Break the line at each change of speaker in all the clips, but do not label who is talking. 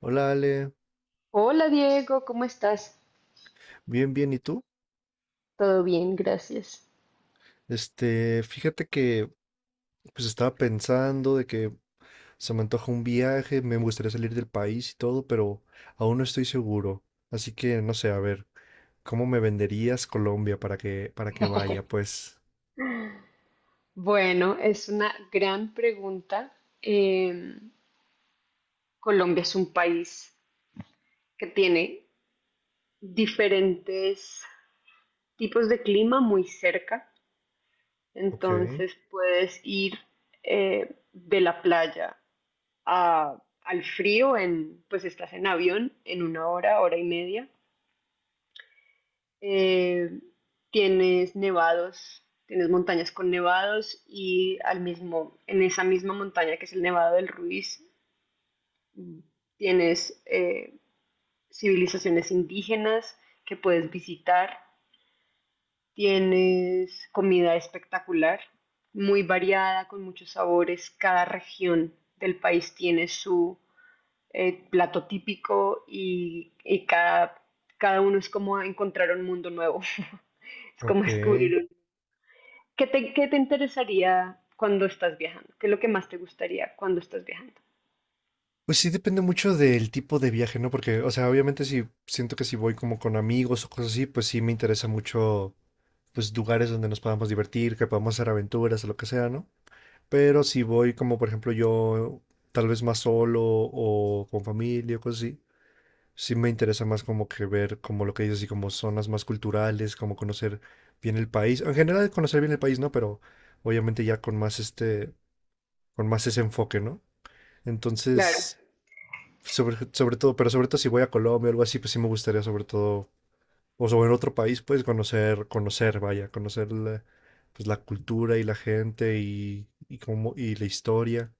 Hola Ale,
Hola Diego, ¿cómo estás?
bien, bien, ¿y tú?
Todo bien, gracias.
Fíjate que pues estaba pensando de que se me antoja un viaje, me gustaría salir del país y todo, pero aún no estoy seguro. Así que no sé, a ver, ¿cómo me venderías Colombia para que vaya? Pues,
Bueno, es una gran pregunta. Em, Colombia es un país que tiene diferentes tipos de clima muy cerca,
ok,
entonces puedes ir de la playa a- al frío en, pues estás en avión en una hora, hora y media, eh, tienes nevados, tienes montañas con nevados y en esa misma montaña que es el Nevado del Ruiz, mm, tienes civilizaciones indígenas que puedes visitar, tienes comida espectacular, muy variada, con muchos sabores, cada región del país tiene su plato típico y cada uno es como encontrar un mundo nuevo. Es como
ok.
descubrir. ¿Qué te interesaría cuando estás viajando? ¿Qué es lo que más te gustaría cuando estás viajando?
Pues sí depende mucho del tipo de viaje, ¿no? Porque, o sea, obviamente si siento que si voy como con amigos o cosas así, pues sí me interesa mucho pues lugares donde nos podamos divertir, que podamos hacer aventuras o lo que sea, ¿no? Pero si voy como por ejemplo yo, tal vez más solo o con familia o cosas así, sí me interesa más como que ver como lo que dices, así como zonas más culturales, como conocer bien el país. En general conocer bien el país, ¿no? Pero obviamente ya con más con más ese enfoque, ¿no?
Claro.
Entonces, sobre todo, pero sobre todo si voy a Colombia o algo así, pues sí me gustaría sobre todo, o sobre en otro país, pues vaya, conocer la cultura y la gente y la historia.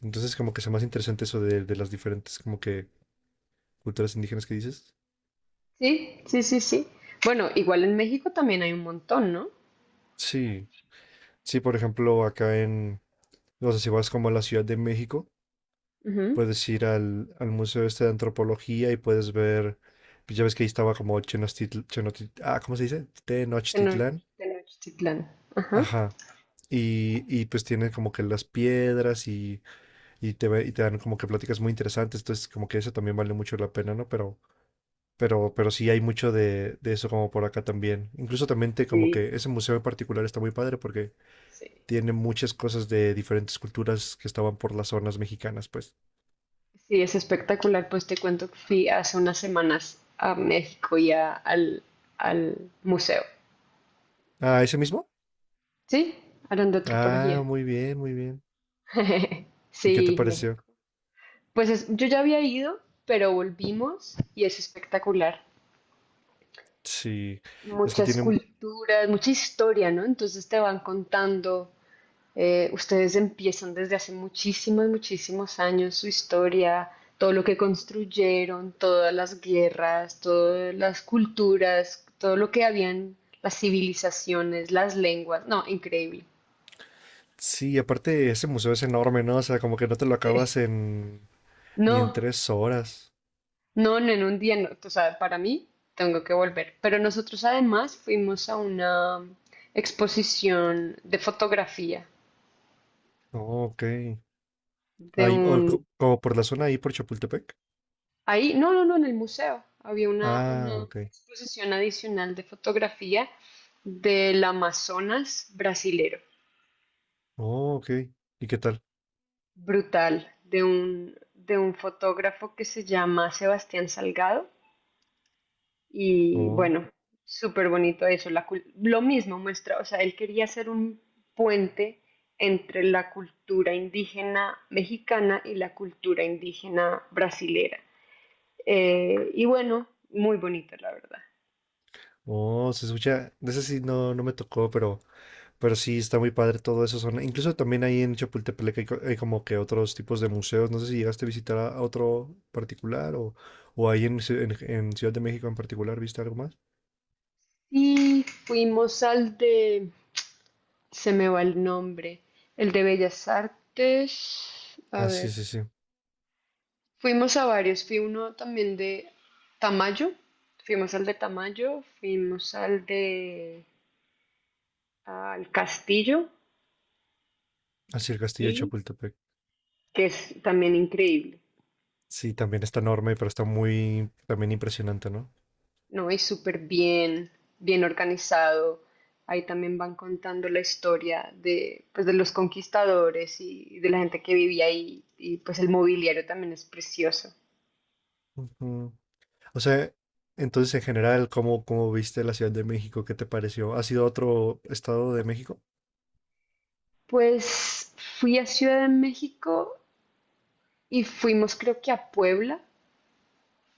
Entonces, como que sea más interesante eso de las diferentes, como que, culturas indígenas que dices.
Sí, sí, sí, sí. Bueno, igual en México también hay un montón, ¿no?
Sí. Sí, por ejemplo, acá en, o sea si vas como a la Ciudad de México,
Ujú.
puedes ir al Museo este de Antropología y puedes ver, pues ya ves que ahí estaba como ¿cómo se dice?
Teno-
Tenochtitlán.
Tenochtitlán. Ajá.
Ajá. Y pues tienen como que las piedras y te dan como que pláticas muy interesantes, entonces como que eso también vale mucho la pena, ¿no? Pero sí hay mucho de eso como por acá también. Incluso también te, como
Sí.
que ese museo en particular está muy padre porque
Sí.
tiene muchas cosas de diferentes culturas que estaban por las zonas mexicanas, pues.
Sí, es espectacular. Pues te cuento que fui hace unas semanas a México y al museo.
Ah, ¿ese mismo?
Sí, hablan de antropología.
Ah, muy bien, muy bien. ¿Y qué te
Sí,
pareció?
México. Pues yo ya había ido, pero volvimos y es espectacular.
Sí, es que
Muchas
tienen...
culturas, mucha historia, ¿no? Entonces te van contando, ustedes empiezan desde hace muchísimos, muchísimos años su historia, todo lo que construyeron, todas las guerras, todas las culturas, todo lo que habían, las civilizaciones, las lenguas, no, increíble.
Sí, aparte ese museo es enorme, ¿no? O sea, como que no te lo
Sí.
acabas en... ni en
No,
3 horas.
no, no, en un día, no. O sea, para mí tengo que volver. Pero nosotros además fuimos a una exposición de fotografía
Oh, ok.
de
Ahí, o
un
como por la zona ahí por Chapultepec.
Ahí, no, no, no, en el museo había una
Ah, ok.
exposición adicional de fotografía del Amazonas brasilero,
Oh, ok. ¿Y qué tal?
brutal, de un fotógrafo que se llama Sebastián Salgado. Y
Oh.
bueno, súper bonito eso. Lo mismo muestra, o sea, él quería hacer un puente entre la cultura indígena mexicana y la cultura indígena brasilera. Y bueno, muy bonito, la verdad.
Oh, se escucha, de ese sí no, no me tocó, pero sí está muy padre todo eso. Son, incluso también ahí en Chapultepec hay como que otros tipos de museos. No sé si llegaste a visitar a otro particular o ahí en, en Ciudad de México en particular, ¿viste algo más?
Sí, fuimos al de, se me va el nombre, el de Bellas Artes, a
Ah, sí,
ver,
sí, sí.
fuimos a varios, fui uno también de Tamayo, fuimos al de Tamayo, fuimos al de, al Castillo,
Así el castillo de
y
Chapultepec.
que es también increíble.
Sí, también está enorme, pero está muy también impresionante, ¿no?
No, y súper bien, bien organizado. Ahí también van contando la historia de, pues, de los conquistadores y de la gente que vivía ahí. Y pues el mobiliario también es precioso.
Ujú. O sea, entonces en general, ¿cómo viste la Ciudad de México? ¿Qué te pareció? ¿Has ido a otro estado de México?
Pues fui a Ciudad de México y fuimos creo que a Puebla.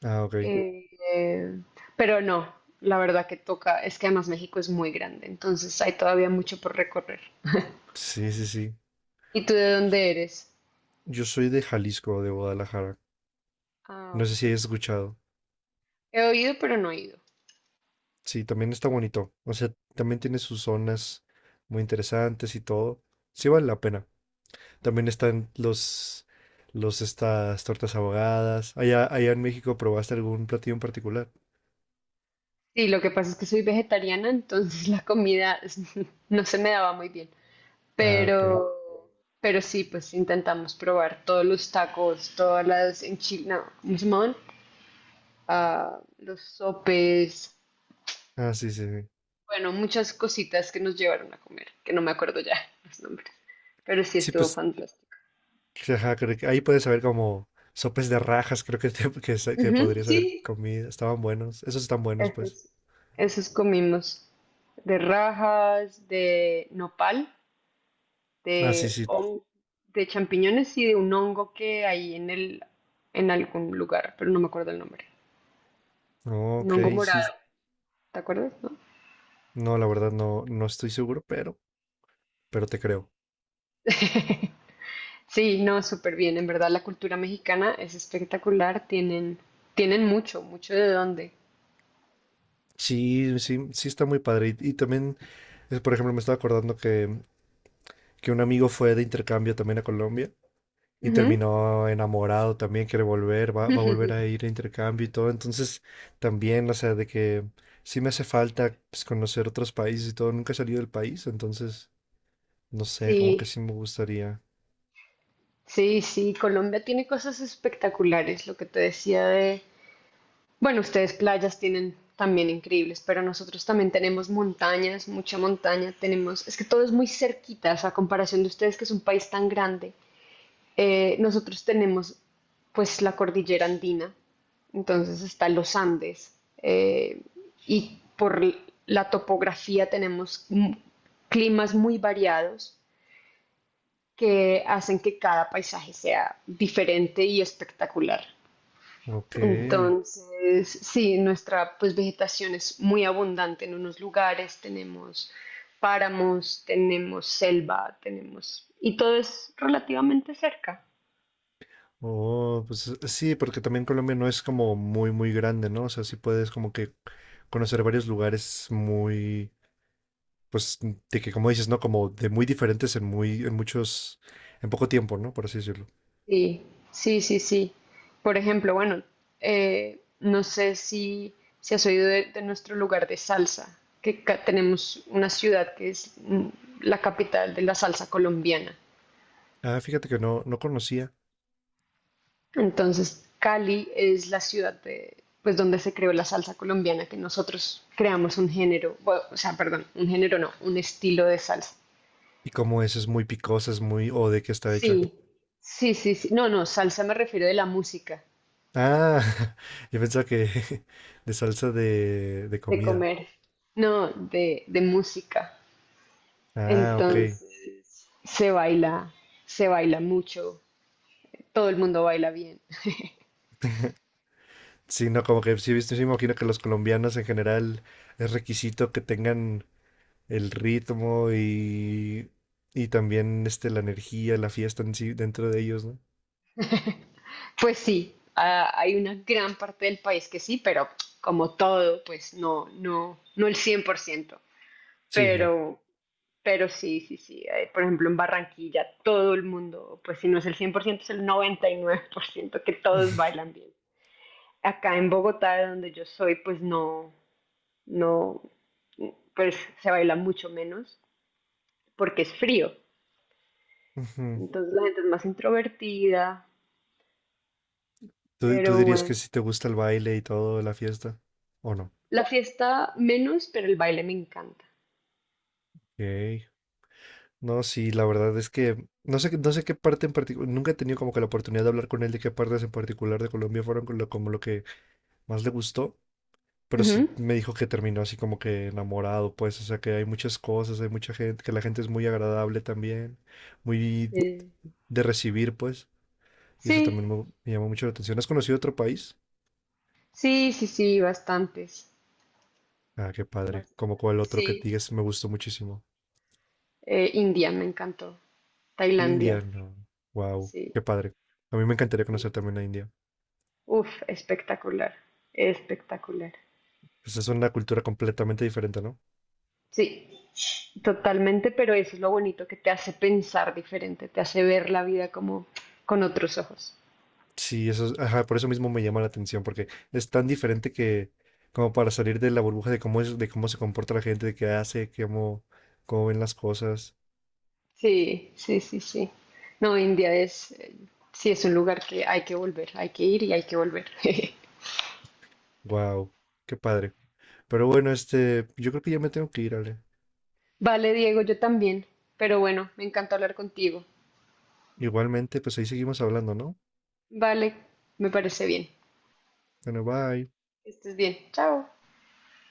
Ah, ok.
eh, pero no, la verdad que toca, es que además México es muy grande, entonces hay todavía mucho por recorrer.
Sí, sí, sí.
¿Y tú de dónde eres?
Yo soy de Jalisco, de Guadalajara.
Ah,
No sé
ok.
si hayas escuchado.
He oído, pero no he ido.
Sí, también está bonito. O sea, también tiene sus zonas muy interesantes y todo. Sí vale la pena. También están los estas tortas ahogadas. Allá, allá en México, ¿probaste algún platillo en particular?
Sí, lo que pasa es que soy vegetariana, entonces la comida no se me daba muy bien.
Ah, ok.
Pero, pero sí, pues intentamos probar todos los tacos, todas las enchiladas, ¿cómo se llamaban? Ah, los sopes,
Ah, sí, sí, sí.
bueno, muchas cositas que nos llevaron a comer, que no me acuerdo ya los nombres, pero sí
Sí,
estuvo
pues,
fantástico.
ajá, creo que ahí puedes saber como sopes de rajas, creo que, que, que
Ujú,
podrías
sí,
haber comido. Estaban buenos. Esos están buenos, pues.
esos, esos comimos de rajas, de nopal.
Ah, sí,
de,
sí.
hon- de champiñones y de un hongo que hay en algún lugar, pero no me acuerdo el nombre.
Oh, ok,
Un hongo
sí.
morado, ¿te acuerdas? ¿No?
No, la verdad no estoy seguro, pero te creo.
Sí, no, súper bien. En verdad, la cultura mexicana es espectacular. Tienen mucho, mucho de dónde.
Sí, sí, sí está muy padre. Y también, por ejemplo, me estaba acordando que, un amigo fue de intercambio también a Colombia y
Ujú.
terminó enamorado también, quiere volver, va a volver a ir a intercambio y todo. Entonces, también, o sea, de que sí me hace falta pues, conocer otros países y todo. Nunca he salido del país, entonces, no sé, como que
Sí,
sí me gustaría.
sí, sí. Colombia tiene cosas espectaculares. Lo que te decía de Bueno, ustedes playas tienen también increíbles, pero nosotros también tenemos montañas, mucha montaña, tenemos, es que todo es muy cerquita, a comparación de ustedes que es un país tan grande, nosotros tenemos pues la cordillera andina, entonces están los Andes, eh, y por la topografía tenemos climas muy variados que hacen que cada paisaje sea diferente y espectacular.
Ok.
Entonces, sí, nuestra pues vegetación es muy abundante en unos lugares, tenemos páramos, tenemos selva, tenemos y todo es relativamente cerca.
Oh, pues sí, porque también Colombia no es como muy, muy grande, ¿no? O sea, sí puedes como que conocer varios lugares muy, pues, de que como dices, ¿no? Como de muy diferentes en muy, en muchos, en poco tiempo, ¿no? Por así decirlo.
Sí, sí, sí, sí. Por ejemplo, bueno, no sé si has oído de nuestro lugar de salsa, que tenemos una ciudad que es la capital de la salsa colombiana.
Ah, fíjate que no conocía.
Entonces, Cali es la ciudad de, pues, donde se creó la salsa colombiana, que nosotros creamos un género, bueno, o sea, perdón, un género no, un estilo de salsa.
Y como es muy picosa, es muy, o de qué está hecha.
Sí, sí, sí, sí. No, no, salsa me refiero de la música,
Ah, yo pensaba que de salsa de
de
comida.
comer, no, de música.
Ah, ok.
Entonces, se baila, se baila mucho, todo el mundo baila bien.
Sí, no, como que sí, viste, sí, me imagino que los colombianos en general es requisito que tengan el ritmo y también la energía, la fiesta en sí dentro de ellos, ¿no?
Pues sí, ah, hay una gran parte del país que sí, pero como todo, pues no, no, no el 100%.
Sí, no.
Pero, Pero sí, sí, sí. Eh, por ejemplo, en Barranquilla todo el mundo, pues si no es el 100% es el 99% que todos bailan bien. Acá en Bogotá, de donde yo soy, pues no, no, pues se baila mucho menos porque es frío.
Ujú.
Entonces la gente es más introvertida,
¿Tú
pero
dirías que
bueno.
sí te gusta el baile y todo, la fiesta? ¿O no?
La fiesta menos, pero el baile me encanta.
Ok. No, sí, la verdad es que no sé qué parte en particular, nunca he tenido como que la oportunidad de hablar con él de qué partes en particular de Colombia fueron como lo que más le gustó, pero sí
Ujú,
me dijo que terminó así como que enamorado, pues, o sea que hay muchas cosas, hay mucha gente, que la gente es muy agradable también, muy
sí,
de recibir, pues. Y
sí,
eso también me llamó mucho la atención. ¿Has conocido otro país?
sí, sí, sí, bastantes.
Ah, qué padre. Como
Bastantes.
cuál otro que
Sí,
digas me gustó muchísimo.
India me encantó.
India,
Tailandia.
no. Wow,
Sí,
qué padre. A mí me encantaría
sí.
conocer también la India.
Uf, espectacular, espectacular.
Pues es una cultura completamente diferente, ¿no?
Sí, totalmente, pero eso es lo bonito que te hace pensar diferente, te hace ver la vida como con otros ojos.
Sí, eso es, ajá, por eso mismo me llama la atención, porque es tan diferente que como para salir de la burbuja de cómo es, de cómo se comporta la gente, de qué hace, cómo ven las cosas.
Sí, sí, sí, sí. No, India es, sí, es un lugar que hay que volver, hay que ir y hay que volver.
Wow, qué padre. Pero bueno, yo creo que ya me tengo que ir, Ale.
Vale, Diego, yo también, pero bueno, me encantó hablar contigo.
Igualmente, pues ahí seguimos hablando, ¿no?
Vale, me parece bien.
Bueno, bye.
Que estés bien. Chao.